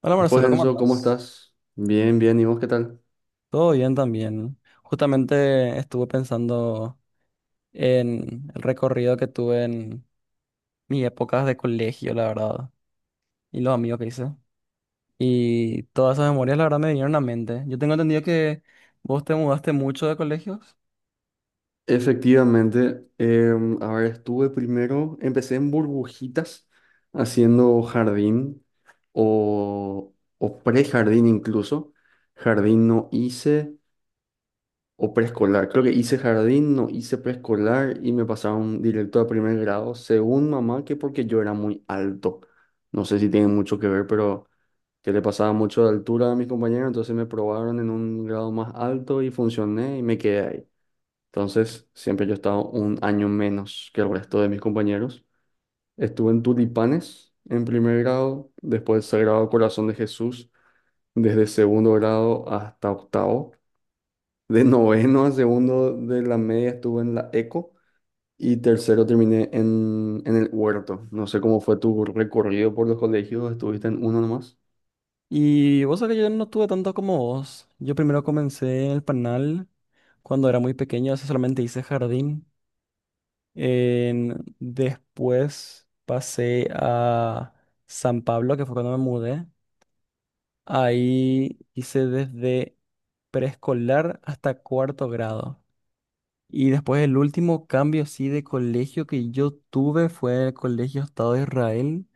Hola, Después, Marcelo, ¿cómo Enzo, ¿cómo estás? estás? Bien, bien, ¿y vos qué tal? Todo bien también. Justamente estuve pensando en el recorrido que tuve en mis épocas de colegio, la verdad, y los amigos que hice. Y todas esas memorias, la verdad, me vinieron a la mente. Yo tengo entendido que vos te mudaste mucho de colegios. Efectivamente, a ver, estuve primero, empecé en burbujitas, haciendo jardín o, o prejardín incluso. Jardín no hice o preescolar. Creo que hice jardín, no hice preescolar y me pasaron directo a primer grado, según mamá, que porque yo era muy alto. No sé si tiene mucho que ver, pero que le pasaba mucho de altura a mis compañeros, entonces me probaron en un grado más alto y funcioné y me quedé ahí. Entonces, siempre yo estaba un año menos que el resto de mis compañeros. Estuve en Tulipanes en primer grado, después Sagrado Corazón de Jesús, desde segundo grado hasta octavo. De noveno a segundo de la media estuve en la ECO y tercero terminé en el Huerto. No sé cómo fue tu recorrido por los colegios, ¿estuviste en uno nomás? Y vos sabés que yo no tuve tanto como vos. Yo primero comencé en el Panal cuando era muy pequeño, así solamente hice jardín. Después pasé a San Pablo, que fue cuando me mudé. Ahí hice desde preescolar hasta cuarto grado. Y después el último cambio así de colegio que yo tuve fue el Colegio Estado de Israel,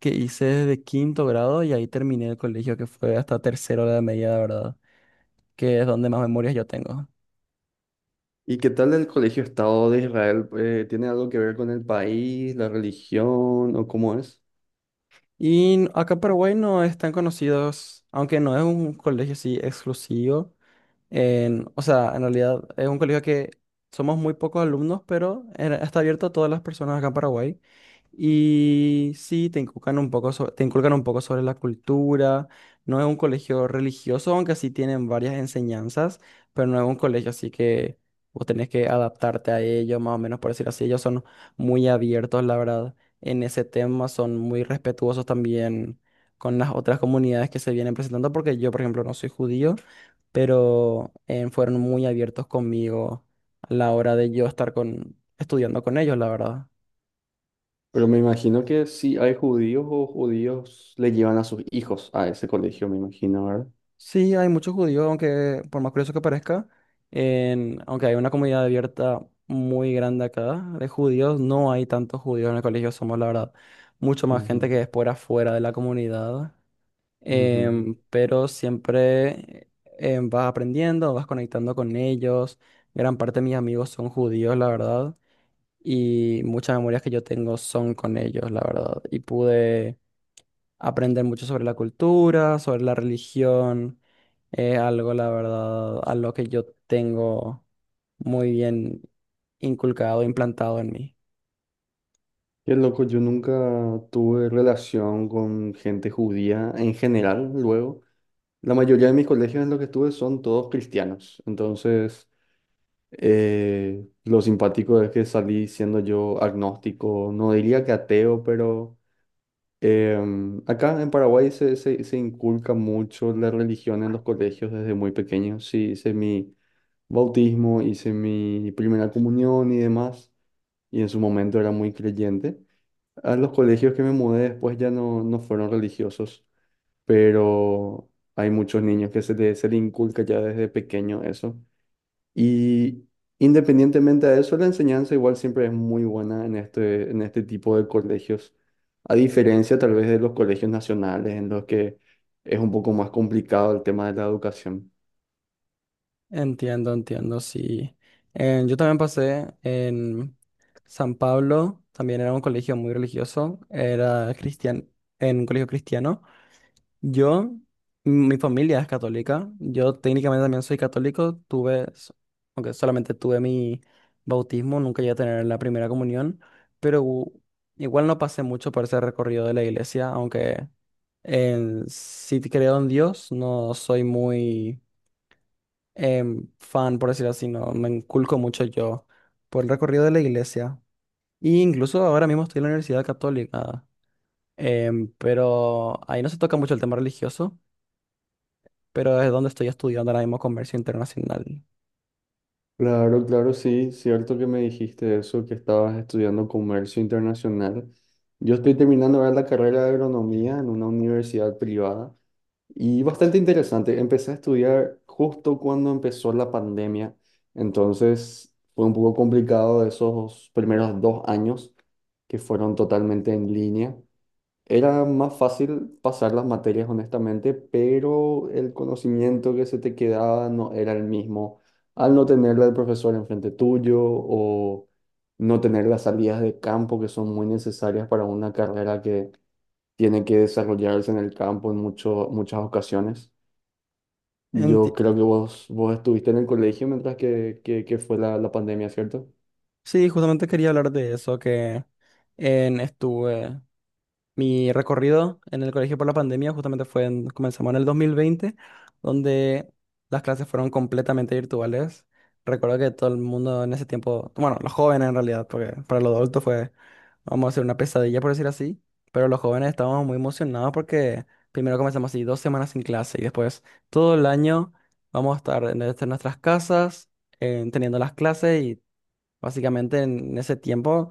que hice desde quinto grado, y ahí terminé el colegio, que fue hasta tercero de la media, la verdad, que es donde más memorias yo tengo. ¿Y qué tal el Colegio Estado de Israel? ¿Tiene algo que ver con el país, la religión o cómo es? Y acá en Paraguay no es tan conocido, aunque no es un colegio así exclusivo. En, o sea, en realidad es un colegio que somos muy pocos alumnos, pero está abierto a todas las personas acá en Paraguay. Y sí, te inculcan un poco sobre, te inculcan un poco sobre la cultura. No es un colegio religioso, aunque sí tienen varias enseñanzas, pero no es un colegio así que vos tenés que adaptarte a ellos, más o menos por decir así. Ellos son muy abiertos, la verdad, en ese tema. Son muy respetuosos también con las otras comunidades que se vienen presentando, porque yo, por ejemplo, no soy judío, pero fueron muy abiertos conmigo a la hora de yo estar con, estudiando con ellos, la verdad. Pero me imagino que sí hay judíos o judíos le llevan a sus hijos a ese colegio, me imagino, ¿verdad? Sí, hay muchos judíos, aunque por más curioso que parezca, aunque hay una comunidad abierta muy grande acá de judíos, no hay tantos judíos en el colegio, somos, la verdad, mucho más gente Ujú, que es por afuera de la comunidad, ujú. Pero siempre vas aprendiendo, vas conectando con ellos, gran parte de mis amigos son judíos, la verdad. Y muchas memorias que yo tengo son con ellos, la verdad. Y pude aprender mucho sobre la cultura, sobre la religión, algo, la verdad, a lo que yo tengo muy bien inculcado, implantado en mí. Qué loco, yo nunca tuve relación con gente judía en general, luego. La mayoría de mis colegios en los que estuve son todos cristianos, entonces lo simpático es que salí siendo yo agnóstico, no diría que ateo, pero. Acá en Paraguay se inculca mucho la religión en los colegios desde muy pequeños. Sí, hice mi bautismo, hice mi primera comunión y demás, y en su momento era muy creyente. A los colegios que me mudé después ya no, no fueron religiosos, pero hay muchos niños que se les se le inculca ya desde pequeño eso. Y independientemente de eso, la enseñanza igual siempre es muy buena en en este tipo de colegios, a diferencia tal vez de los colegios nacionales en los que es un poco más complicado el tema de la educación. Entiendo, entiendo, sí. Yo también pasé en San Pablo, también era un colegio muy religioso, era cristian en un colegio cristiano. Yo, mi familia es católica. Yo técnicamente también soy católico. Aunque solamente tuve mi bautismo, nunca llegué a tener la primera comunión, pero igual no pasé mucho por ese recorrido de la iglesia, aunque sí creo en Dios. No soy muy fan, por decirlo así, no me inculco mucho yo por el recorrido de la iglesia. Y incluso ahora mismo estoy en la Universidad Católica, pero ahí no se toca mucho el tema religioso, pero es donde estoy estudiando ahora mismo comercio internacional. Claro, claro, sí, cierto que me dijiste eso, que estabas estudiando comercio internacional. Yo estoy terminando ahora la carrera de agronomía en una universidad privada. Y bastante interesante. Empecé a estudiar justo cuando empezó la pandemia, entonces fue un poco complicado esos primeros 2 años que fueron totalmente en línea. Era más fácil pasar las materias, honestamente, pero el conocimiento que se te quedaba no era el mismo al no tenerla del profesor enfrente tuyo o no tener las salidas de campo que son muy necesarias para una carrera que tiene que desarrollarse en el campo en muchas ocasiones. Yo Enti- creo que vos estuviste en el colegio mientras que fue la pandemia, ¿cierto? Sí, justamente quería hablar de eso, que en, estuve mi recorrido en el colegio por la pandemia justamente fue comenzamos en el 2020, donde las clases fueron completamente virtuales. Recuerdo que todo el mundo en ese tiempo, bueno, los jóvenes en realidad, porque para los adultos fue, vamos a hacer, una pesadilla por decir así, pero los jóvenes estábamos muy emocionados porque primero comenzamos así dos semanas sin clase y después todo el año vamos a estar en, desde nuestras casas, teniendo las clases, y básicamente en ese tiempo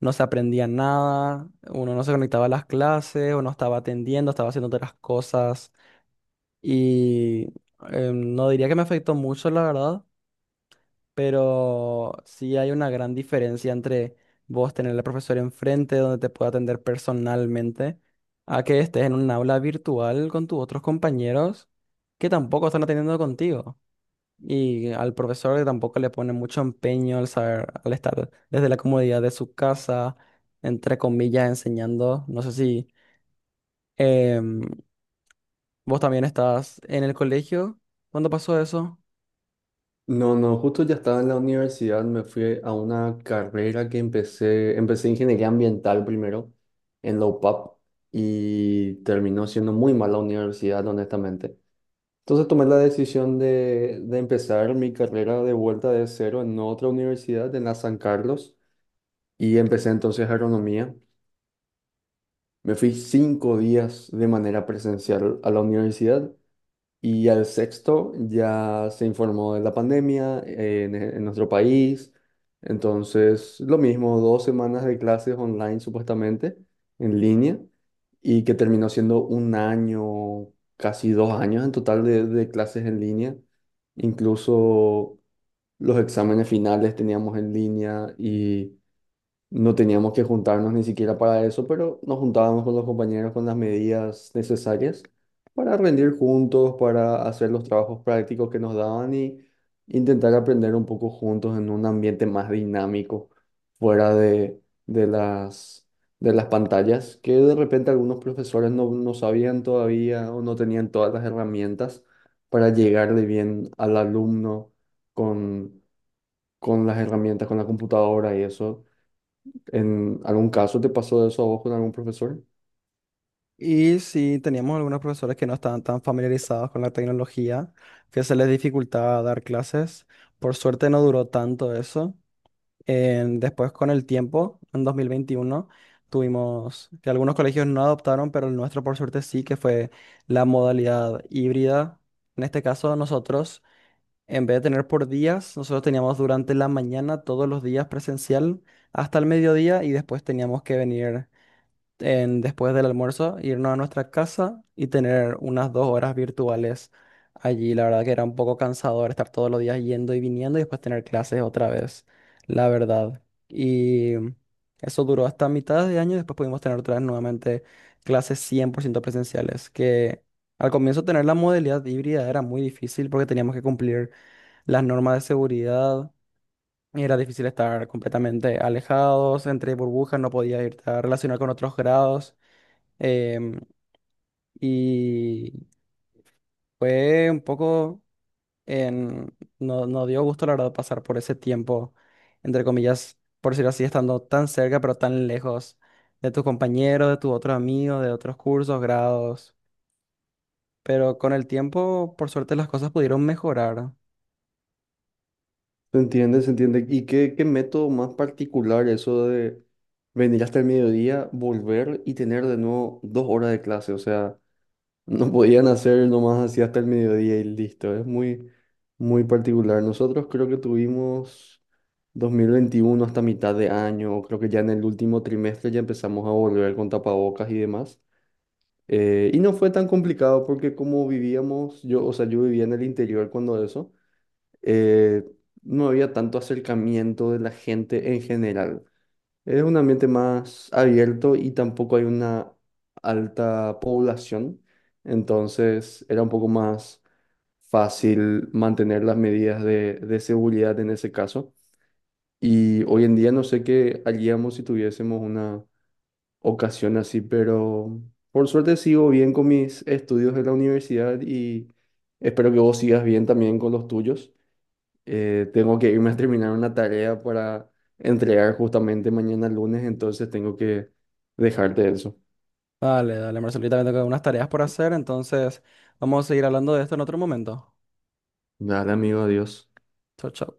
no se aprendía nada, uno no se conectaba a las clases, uno estaba atendiendo, estaba haciendo otras cosas. Y no diría que me afectó mucho, la verdad, pero sí hay una gran diferencia entre vos tener al profesor enfrente donde te pueda atender personalmente a que estés en un aula virtual con tus otros compañeros que tampoco están atendiendo contigo. Y al profesor que tampoco le pone mucho empeño al saber, al estar desde la comodidad de su casa, entre comillas, enseñando. No sé si em, vos también estás en el colegio cuando pasó eso. No, no, justo ya estaba en la universidad, me fui a una carrera que empecé ingeniería ambiental primero en la UPAP y terminó siendo muy mala universidad, honestamente. Entonces tomé la decisión de empezar mi carrera de vuelta de cero en otra universidad, en la San Carlos, y empecé entonces agronomía. Me fui 5 días de manera presencial a la universidad. Y al sexto ya se informó de la pandemia, en nuestro país. Entonces, lo mismo, 2 semanas de clases online supuestamente, en línea, y que terminó siendo un año, casi 2 años en total de clases en línea. Incluso los exámenes finales teníamos en línea y no teníamos que juntarnos ni siquiera para eso, pero nos juntábamos con los compañeros con las medidas necesarias para rendir juntos, para hacer los trabajos prácticos que nos daban y intentar aprender un poco juntos en un ambiente más dinámico, fuera de las pantallas, que de repente algunos profesores no, no sabían todavía o no tenían todas las herramientas para llegarle bien al alumno con, con las herramientas, con la computadora y eso. ¿En algún caso te pasó eso a vos con algún profesor? Y si teníamos algunos profesores que no estaban tan familiarizados con la tecnología, que se les dificultaba dar clases. Por suerte no duró tanto eso. Después, con el tiempo, en 2021, tuvimos que algunos colegios no adoptaron, pero el nuestro, por suerte, sí, que fue la modalidad híbrida. En este caso, nosotros, en vez de tener por días, nosotros teníamos durante la mañana todos los días presencial hasta el mediodía, y después teníamos que venir, después del almuerzo, irnos a nuestra casa y tener unas dos horas virtuales allí. La verdad que era un poco cansador estar todos los días yendo y viniendo y después tener clases otra vez, la verdad. Y eso duró hasta mitad de año, y después pudimos tener otra vez nuevamente clases 100% presenciales, que al comienzo tener la modalidad híbrida era muy difícil porque teníamos que cumplir las normas de seguridad. Y era difícil estar completamente alejados, entre burbujas, no podías irte a relacionar con otros grados. Em, y fue un poco, no, no dio gusto la verdad pasar por ese tiempo, entre comillas, por decirlo así, estando tan cerca pero tan lejos de tus compañeros, de tus otros amigos, de otros cursos, grados. Pero con el tiempo, por suerte, las cosas pudieron mejorar. ¿Se entiende? ¿Se entiende? ¿Y qué método más particular eso de venir hasta el mediodía, volver y tener de nuevo 2 horas de clase? O sea, no podían hacer nomás así hasta el mediodía y listo. Es muy, muy particular. Nosotros creo que tuvimos 2021 hasta mitad de año, creo que ya en el último trimestre ya empezamos a volver con tapabocas y demás. Y no fue tan complicado porque como vivíamos, yo, o sea, yo vivía en el interior cuando eso. eh, no había tanto acercamiento de la gente en general. Es un ambiente más abierto y tampoco hay una alta población, entonces era un poco más fácil mantener las medidas de seguridad en ese caso. Y hoy en día no sé qué haríamos si tuviésemos una ocasión así, pero por suerte sigo bien con mis estudios de la universidad y espero que vos sigas bien también con los tuyos. Tengo que irme a terminar una tarea para entregar justamente mañana lunes, entonces tengo que dejarte eso. Dale, dale, Marcelita, también tengo unas tareas por hacer, entonces vamos a seguir hablando de esto en otro momento. Dale, amigo, adiós. Chau, chau.